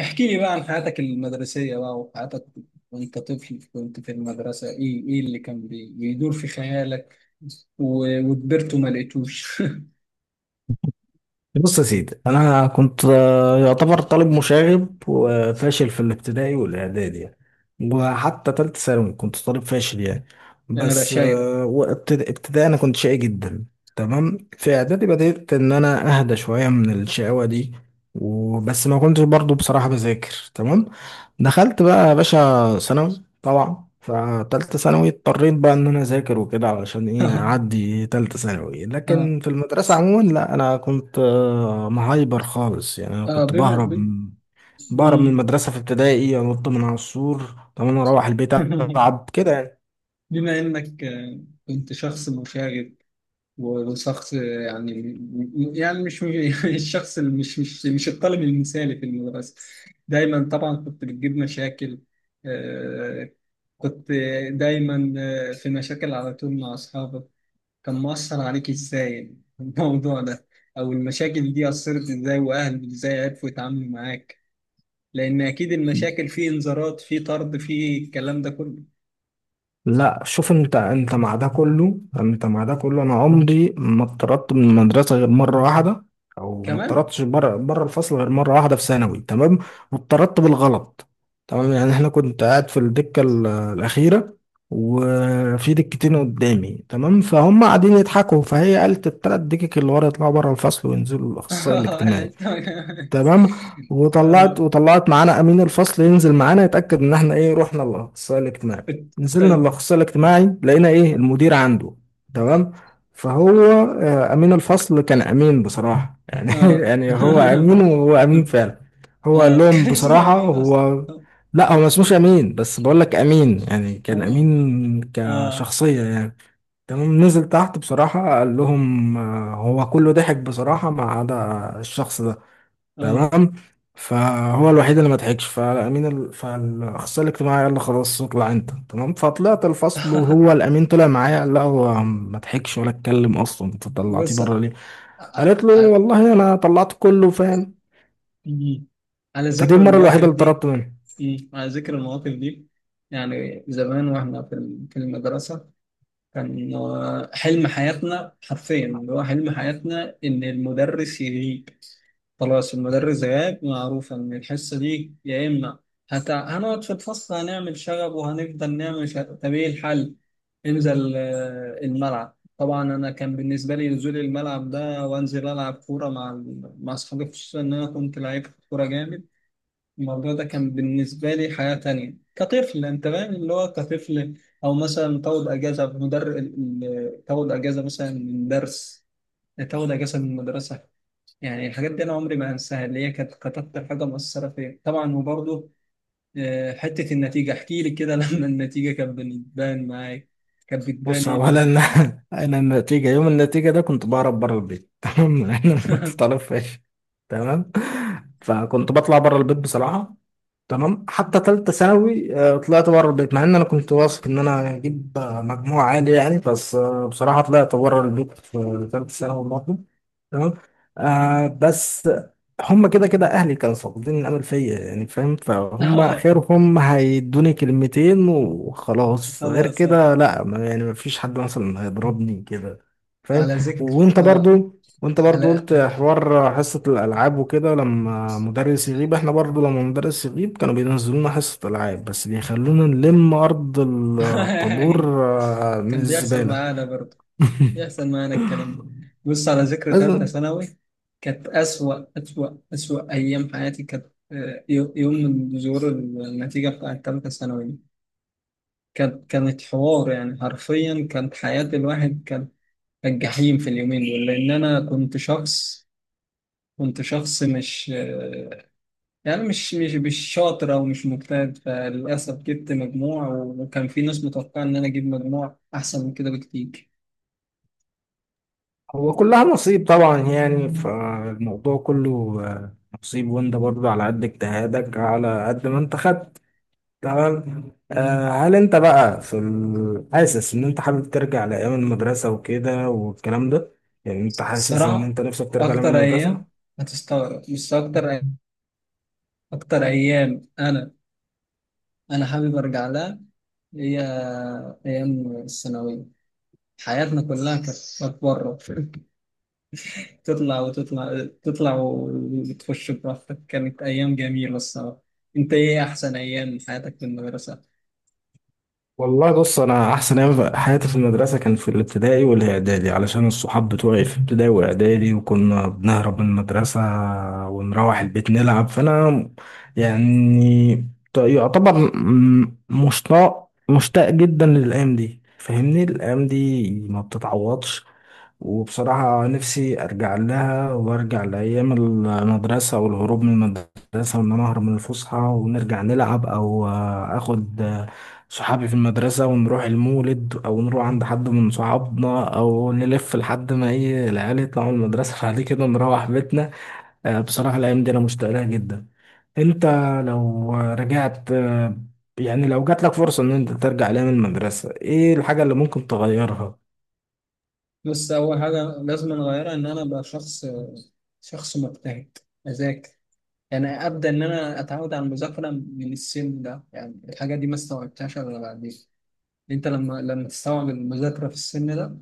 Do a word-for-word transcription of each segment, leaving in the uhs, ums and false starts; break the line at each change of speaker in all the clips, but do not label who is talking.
احكي لي بقى عن حياتك المدرسية بقى، وحياتك وانت طفل. كنت في المدرسة ايه ايه اللي كان بي- بيدور في خيالك، و- وكبرت وما لقيتوش.
بص يا سيدي، انا كنت آه، يعتبر طالب مشاغب وفاشل في الابتدائي والاعدادي يعني، وحتى تالتة ثانوي كنت طالب فاشل يعني.
انا
بس
بشايرك.
آه، وابتدا- ابتدائي انا كنت شقي جدا. تمام. في اعدادي بدأت ان انا اهدى شوية من الشقاوة دي، وبس ما كنتش برضو بصراحة بذاكر. تمام. دخلت بقى يا باشا ثانوي، طبعا فتالتة ثانوي اضطريت بقى ان انا اذاكر وكده علشان ايه اعدي تالتة ثانوي.
اه،
لكن في المدرسة عموما لا، انا كنت آه، مهايبر خالص يعني، انا
اه.
كنت
بما
بهرب
ب-
بهرب من
مم.
المدرسة. في ابتدائي انط من على السور، طب انا اروح البيت العب كده.
بما انك آه، كنت شخص مشاغب، وشخص، يعني يعني مش الشخص اللي مش مش مش الطالب المثالي في المدرسة، دايما طبعا كنت بتجيب مشاكل. آه، كنت دايما آه، في مشاكل على طول مع أصحابك. كان مؤثر عليك إزاي الموضوع ده، أو المشاكل دي أثرت إزاي، وأهلك إزاي عرفوا يتعاملوا معاك؟ لأن أكيد المشاكل فيه إنذارات، فيه طرد، فيه الكلام ده كله.
لا، شوف. انت انت مع ده كله انت مع ده كله، انا عمري ما اتطردت من المدرسه غير مره واحده، او ما
كمان.
اتطردتش بره بره الفصل غير مره واحده في ثانوي. تمام. واتطردت بالغلط. تمام، يعني احنا كنت قاعد في الدكه ال- الاخيره، وفي دكتين قدامي. تمام، فهم قاعدين يضحكوا، فهي قالت التلات دكك اللي ورا يطلعوا بره الفصل وينزلوا الاخصائي الاجتماعي. تمام. وطلعت
ف-
وطلعت معانا امين الفصل ينزل معانا يتاكد ان احنا ايه رحنا الاخصائي الاجتماعي.
الت-
نزلنا الاخصائي الاجتماعي لقينا ايه
اه
المدير عنده. تمام. فهو آه، امين الفصل كان امين بصراحه يعني، يعني هو امين وهو امين فعلا. هو قال
اه،
لهم
كان اسمه
بصراحه
امين اصلا.
هو. لا، هو ما اسموش امين، بس بقول لك امين يعني كان
اه،
امين
اه،
كشخصيه يعني. تمام. نزل تحت بصراحه قال لهم آه، هو كله ضحك بصراحه ما عدا الشخص ده.
اه.
تمام. فهو الوحيد اللي ما ضحكش فالامين ال... فالاخصائي الاجتماعي قال له خلاص اطلع انت. تمام. فطلعت الفصل، وهو الامين طلع معايا، قال له هو ما ضحكش ولا اتكلم اصلا، انت طلعتيه
بص.
بره ليه؟
ع-
قالت له
ع-
والله انا طلعت كله فاهم.
مم. على
فدي
ذكر
المره
المواقف
الوحيده اللي طردت
دي.
منه.
مم. على ذكر المواقف دي، يعني زمان واحنا في ال- في المدرسة، كان آه، حلم حياتنا حرفيا اللي هو حلم حياتنا إن المدرس يغيب. خلاص المدرس غاب، معروف ان الحصه دي يا اما هت... هنقعد في الفصل هنعمل شغب وهنفضل نعمل شغب، طب ايه الحل؟ انزل آه، الملعب. طبعا انا كان بالنسبه لي نزول الملعب ده وانزل العب كوره مع ال- مع اصحابي، خصوصا ان انا كنت لعيب كوره جامد. الموضوع ده كان بالنسبه لي حياه تانية كطفل، انت فاهم اللي هو كطفل. او مثلا تاخد اجازه مدر ال- ال- تاخد اجازه مثلا من درس، تاخد اجازه من المدرسه. يعني الحاجات دي انا عمري ما انساها، اللي هي كانت كانت اكتر حاجه مؤثره فيا طبعا. وبرضه آه، حته النتيجه، احكي لي كده. لما النتيجه كانت بتبان معاك، كانت بتبان
بص
ايه
اولا،
اللي-
انا النتيجه يوم النتيجه ده كنت بهرب بره البيت. تمام، انا ما كنت طالب فاشل. تمام. فكنت بطلع بره البيت بصراحه. تمام. حتى تالتة ثانوي آه، طلعت بره البيت، مع ان انا كنت واثق ان انا هجيب آه، مجموع عالي يعني. بس آه، بصراحة طلعت بره البيت في تالتة ثانوي برضه. تمام. آه بس هم كده كده اهلي كانوا فاقدين الامل فيا يعني، فاهم؟ فهم
آه،
خيرهم هيدوني كلمتين وخلاص، غير
خلاص، آه.
كده لا ما- يعني ما فيش حد مثلا هيضربني كده. فاهم؟
على ذكر،
وانت
اه
برضو وانت برضو
على
قلت حوار حصة الألعاب وكده، لما مدرس يغيب. احنا برضو لما مدرس يغيب كانوا بينزلونا حصة ألعاب بس بيخلونا نلم أرض الطابور آه، من
كان بيحصل
الزبالة.
معانا برضه، بيحصل معانا الكلام ده. بص، على ذكر ثالثه
لازم.
ثانوي، كانت أسوأ أسوأ أسوأ أيام حياتي، كانت آه، يو- يوم من ظهور النتيجة بتاعت ثالثة ثانوي، كانت كانت حوار، يعني حرفيا كانت حياة الواحد كانت الجحيم في اليومين دول. لأن أنا كنت شخص كنت شخص مش، يعني مش مش مش شاطر أو مش مجتهد، فللأسف جبت مجموع وكان في ناس متوقعة إن أنا أجيب مجموع أحسن من كده بكتير.
هو كلها نصيب طبعا، يعني فالموضوع كله آه، نصيب، وانت برضو على قد اجتهادك على قد ما انت خدت. تمام. آه هل انت بقى في ال... حاسس ان انت حابب ترجع لايام المدرسه وكده والكلام ده؟ يعني انت حاسس ان
الصراحة
انت نفسك ترجع لايام
أكتر
المدرسه؟
أيام، هتستغرب بس أكتر أكتر أيام أنا أنا حابب أرجع لها، هي أيام الثانوية. حياتنا كلها كانت كانت بره، تطلع وتطلع تطلع وتخش براحتك، كانت أيام جميلة الصراحة. أنت إيه أحسن أيام من حياتك في المدرسة؟
والله بص، انا احسن ايام في حياتي في المدرسه كان في الابتدائي والاعدادي، علشان الصحاب بتوعي في ابتدائي واعدادي وكنا بنهرب من المدرسه ونروح البيت نلعب. فانا يعني، ت- يعتبر م- مشتاق مشتاق جدا للايام دي. فاهمني؟ الايام دي ما بتتعوضش. وبصراحة نفسي أرجع لها، وأرجع لأيام المدرسة والهروب من المدرسة، وإن أنا أهرب من الفسحة ونرجع نلعب، أو آه، آخد آه، صحابي في المدرسة ونروح المولد أو نروح عند حد من صحابنا أو نلف لحد ما إيه العيال يطلعوا من المدرسة. بعد كده نروح بيتنا. آه، بصراحة الأيام دي أنا مشتاق لها جدا. أنت لو رجعت، آه، يعني لو جات لك فرصة إن أنت ترجع لأيام المدرسة، إيه الحاجة اللي ممكن تغيرها؟
بس أول حاجة لازم أغيرها إن أنا أبقى شخص شخص مجتهد، أذاكر. يعني أبدأ إن أنا أتعود على المذاكرة من السن ده، يعني الحاجة دي ما استوعبتهاش إلا بعدين. أنت لما لما تستوعب المذاكرة في السن ده،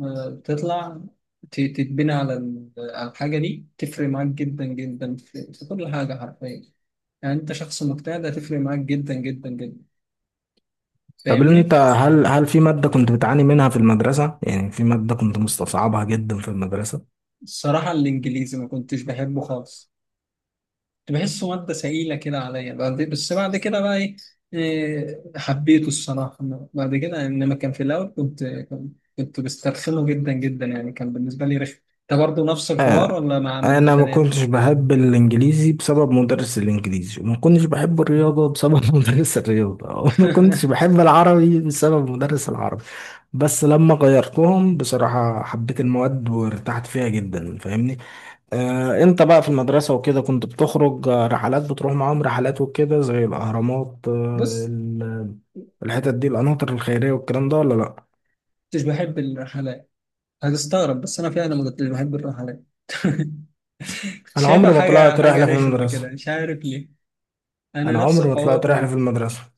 آه، تطلع، ت- تتبنى على ال- على الحاجة دي، تفرق معاك جدا جدا في في كل حاجة حرفيا. يعني انت شخص مجتهد، هتفرق معاك جدا جدا جدا،
طب انت،
فاهمني.
هل هل في مادة كنت بتعاني منها في المدرسة؟ يعني في مادة كنت مستصعبها جدا في المدرسة؟
الصراحه الانجليزي ما كنتش بحبه خالص، كنت بحسه ماده ثقيله كده عليا، بعد- بس بعد كده بقى ايه، إيه، حبيته الصراحه بعد كده. انما كان في الاول كنت كنت كنت بسترخنه جدا جدا، يعني كان بالنسبه لي رخم. انت برضه نفس
آه،
الحوار ولا مع ماده
انا ما
تانيه؟
كنتش بحب الانجليزي بسبب مدرس الانجليزي، وما كنتش بحب الرياضة بسبب مدرس الرياضة، وما كنتش بحب العربي بسبب مدرس العربي. بس لما غيرتهم بصراحة حبيت المواد وارتحت فيها جدا. فاهمني؟ آه، انت بقى في المدرسة وكده كنت بتخرج آه، رحلات، بتروح معاهم رحلات وكده زي الأهرامات، آه،
بص،
ال- الحتت دي، القناطر الخيرية والكلام ده، ولا لأ؟
كنتش بحب الرحلات. هتستغرب بس انا فعلا ما كنتش بحب الرحلات.
أنا
شايفها
عمري ما
حاجة
طلعت
حاجة
رحلة في
رخمة كده،
المدرسة.
مش عارف ليه. أنا
أنا
نفس
عمري ما
الحوار
طلعت رحلة في
برضه.
المدرسة.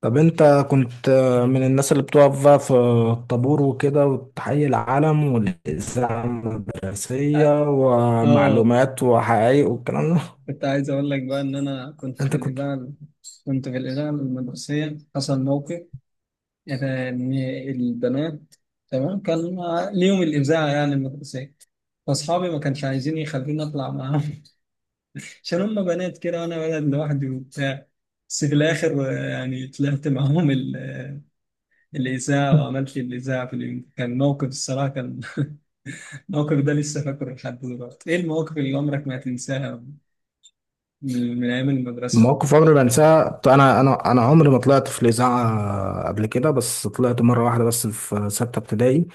طب انت كنت آه، من الناس اللي بتقف بقى في الطابور وكده وتحيي العلم والإذاعة المدرسية
اه،
ومعلومات وحقائق والكلام ده؟
كنت عايز اقول لك بقى ان انا كنت في
انت كنت
الاذاعه. كنت في الاذاعه المدرسيه، حصل موقف يعني، ان البنات، تمام، كان ليهم الاذاعه يعني المدرسيه، فاصحابي ما كانش عايزين يخلوني اطلع معاهم. عشان هم بنات كده وانا ولد لوحدي وبتاع. بس في الاخر آه، يعني طلعت معاهم ال- الاذاعه، وعملت الاذاعه في اليوم. كان موقف الصراحه، كان الموقف ده لسه فاكره لحد دلوقتي. ايه المواقف اللي عمرك ما هتنساها من من ايام المدرسه؟
مواقف عمري ما انساها. ط- انا انا انا عمري ما طلعت في الاذاعه قبل كده، بس طلعت مره واحده بس في سته ابتدائي.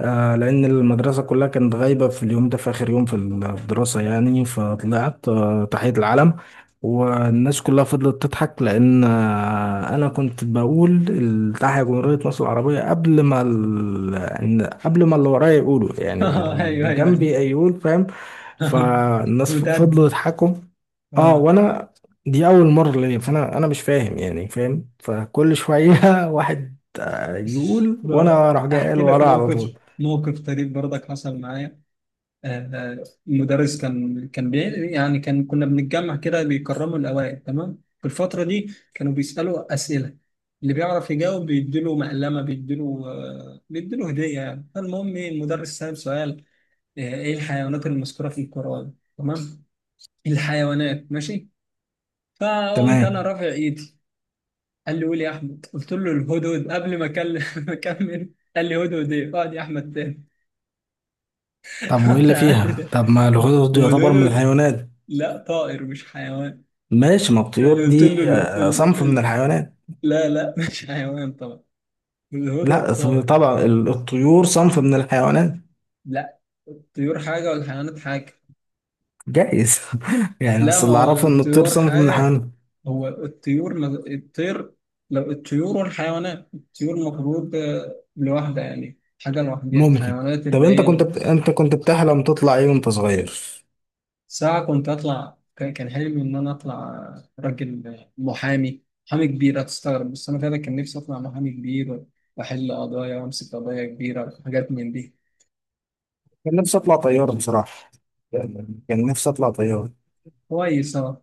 آه، لان المدرسه كلها كانت غايبه في اليوم ده، في اخر يوم في الدراسه يعني. فطلعت آه تحيه العلم، والناس كلها فضلت تضحك لان آه انا كنت بقول التحية جمهوريه مصر العربيه قبل ما ال... إن- قبل ما اللي ورايا يقولوا، يعني
ايوه،
اللي
ايوه،
جنبي
ايوه.
يقول، فاهم؟ فالناس
متأدي،
فضلوا يضحكوا. اه
آه.
وانا دي اول مره ليا، فانا انا مش فاهم يعني، فاهم؟ فكل شويه واحد يقول وانا
ب-
اروح جاي قال
احكي لك
وراه على طول.
موقف موقف طريف برضك حصل معايا. آه، آه، المدرس كان كان بي يعني كان كنا بنتجمع كده، بيكرموا الاوائل، تمام، في الفتره دي كانوا بيسالوا اسئله، اللي بيعرف يجاوب بيديله مقلمه، بيديله آه، بيديله هديه يعني. فالمهم إيه، المدرس سأل سؤال، آه، ايه الحيوانات المذكوره في القرآن؟ تمام، الحيوانات، ماشي. فقمت انا
تمام.
رافع ايدي، قال لي قول يا احمد، قلت له الهدهد قبل ما اكلم ما اكمل. قال لي هدهد ايه، اقعد يا احمد تاني.
طب
رحت
وايه
قعدت
اللي فيها؟
تاني.
طب ما الغدد دي
ما هو
يعتبر من
الهدهد
الحيوانات.
لا طائر، مش حيوان.
ماشي، ما
انا
الطيور
قلت
دي
له ال...
آه،
ال...
صنف من
ال...
الحيوانات.
لا، لا. مش حيوان طبعا، الهدهد
لا،
طائر.
طبعا ال- الطيور صنف من الحيوانات.
لا، الطيور حاجه والحيوانات حاجه.
جايز، يعني
لا،
بس
ما
اللي
هو
اعرفه ان الطيور
الطيور
صنف من
حاجه.
الحيوانات.
هو الطيور ما... الطير، لو الطيور والحيوانات، الطيور المفروض آه، لوحدها، يعني حاجه لوحدها،
ممكن.
الحيوانات
طب
اللي
انت كنت
هي.
بت... انت كنت بتحلم تطلع ايه وانت صغير؟
ساعة كنت أطلع، كان كان حلمي إن أنا أطلع راجل محامي محامي كبير. هتستغرب بس أنا فعلا كان نفسي أطلع محامي كبير، وأحل قضايا وأمسك قضايا كبيرة وحاجات من دي.
كان نفسي اطلع طيار بصراحه، يعني كان نفسي اطلع طيار.
كويس.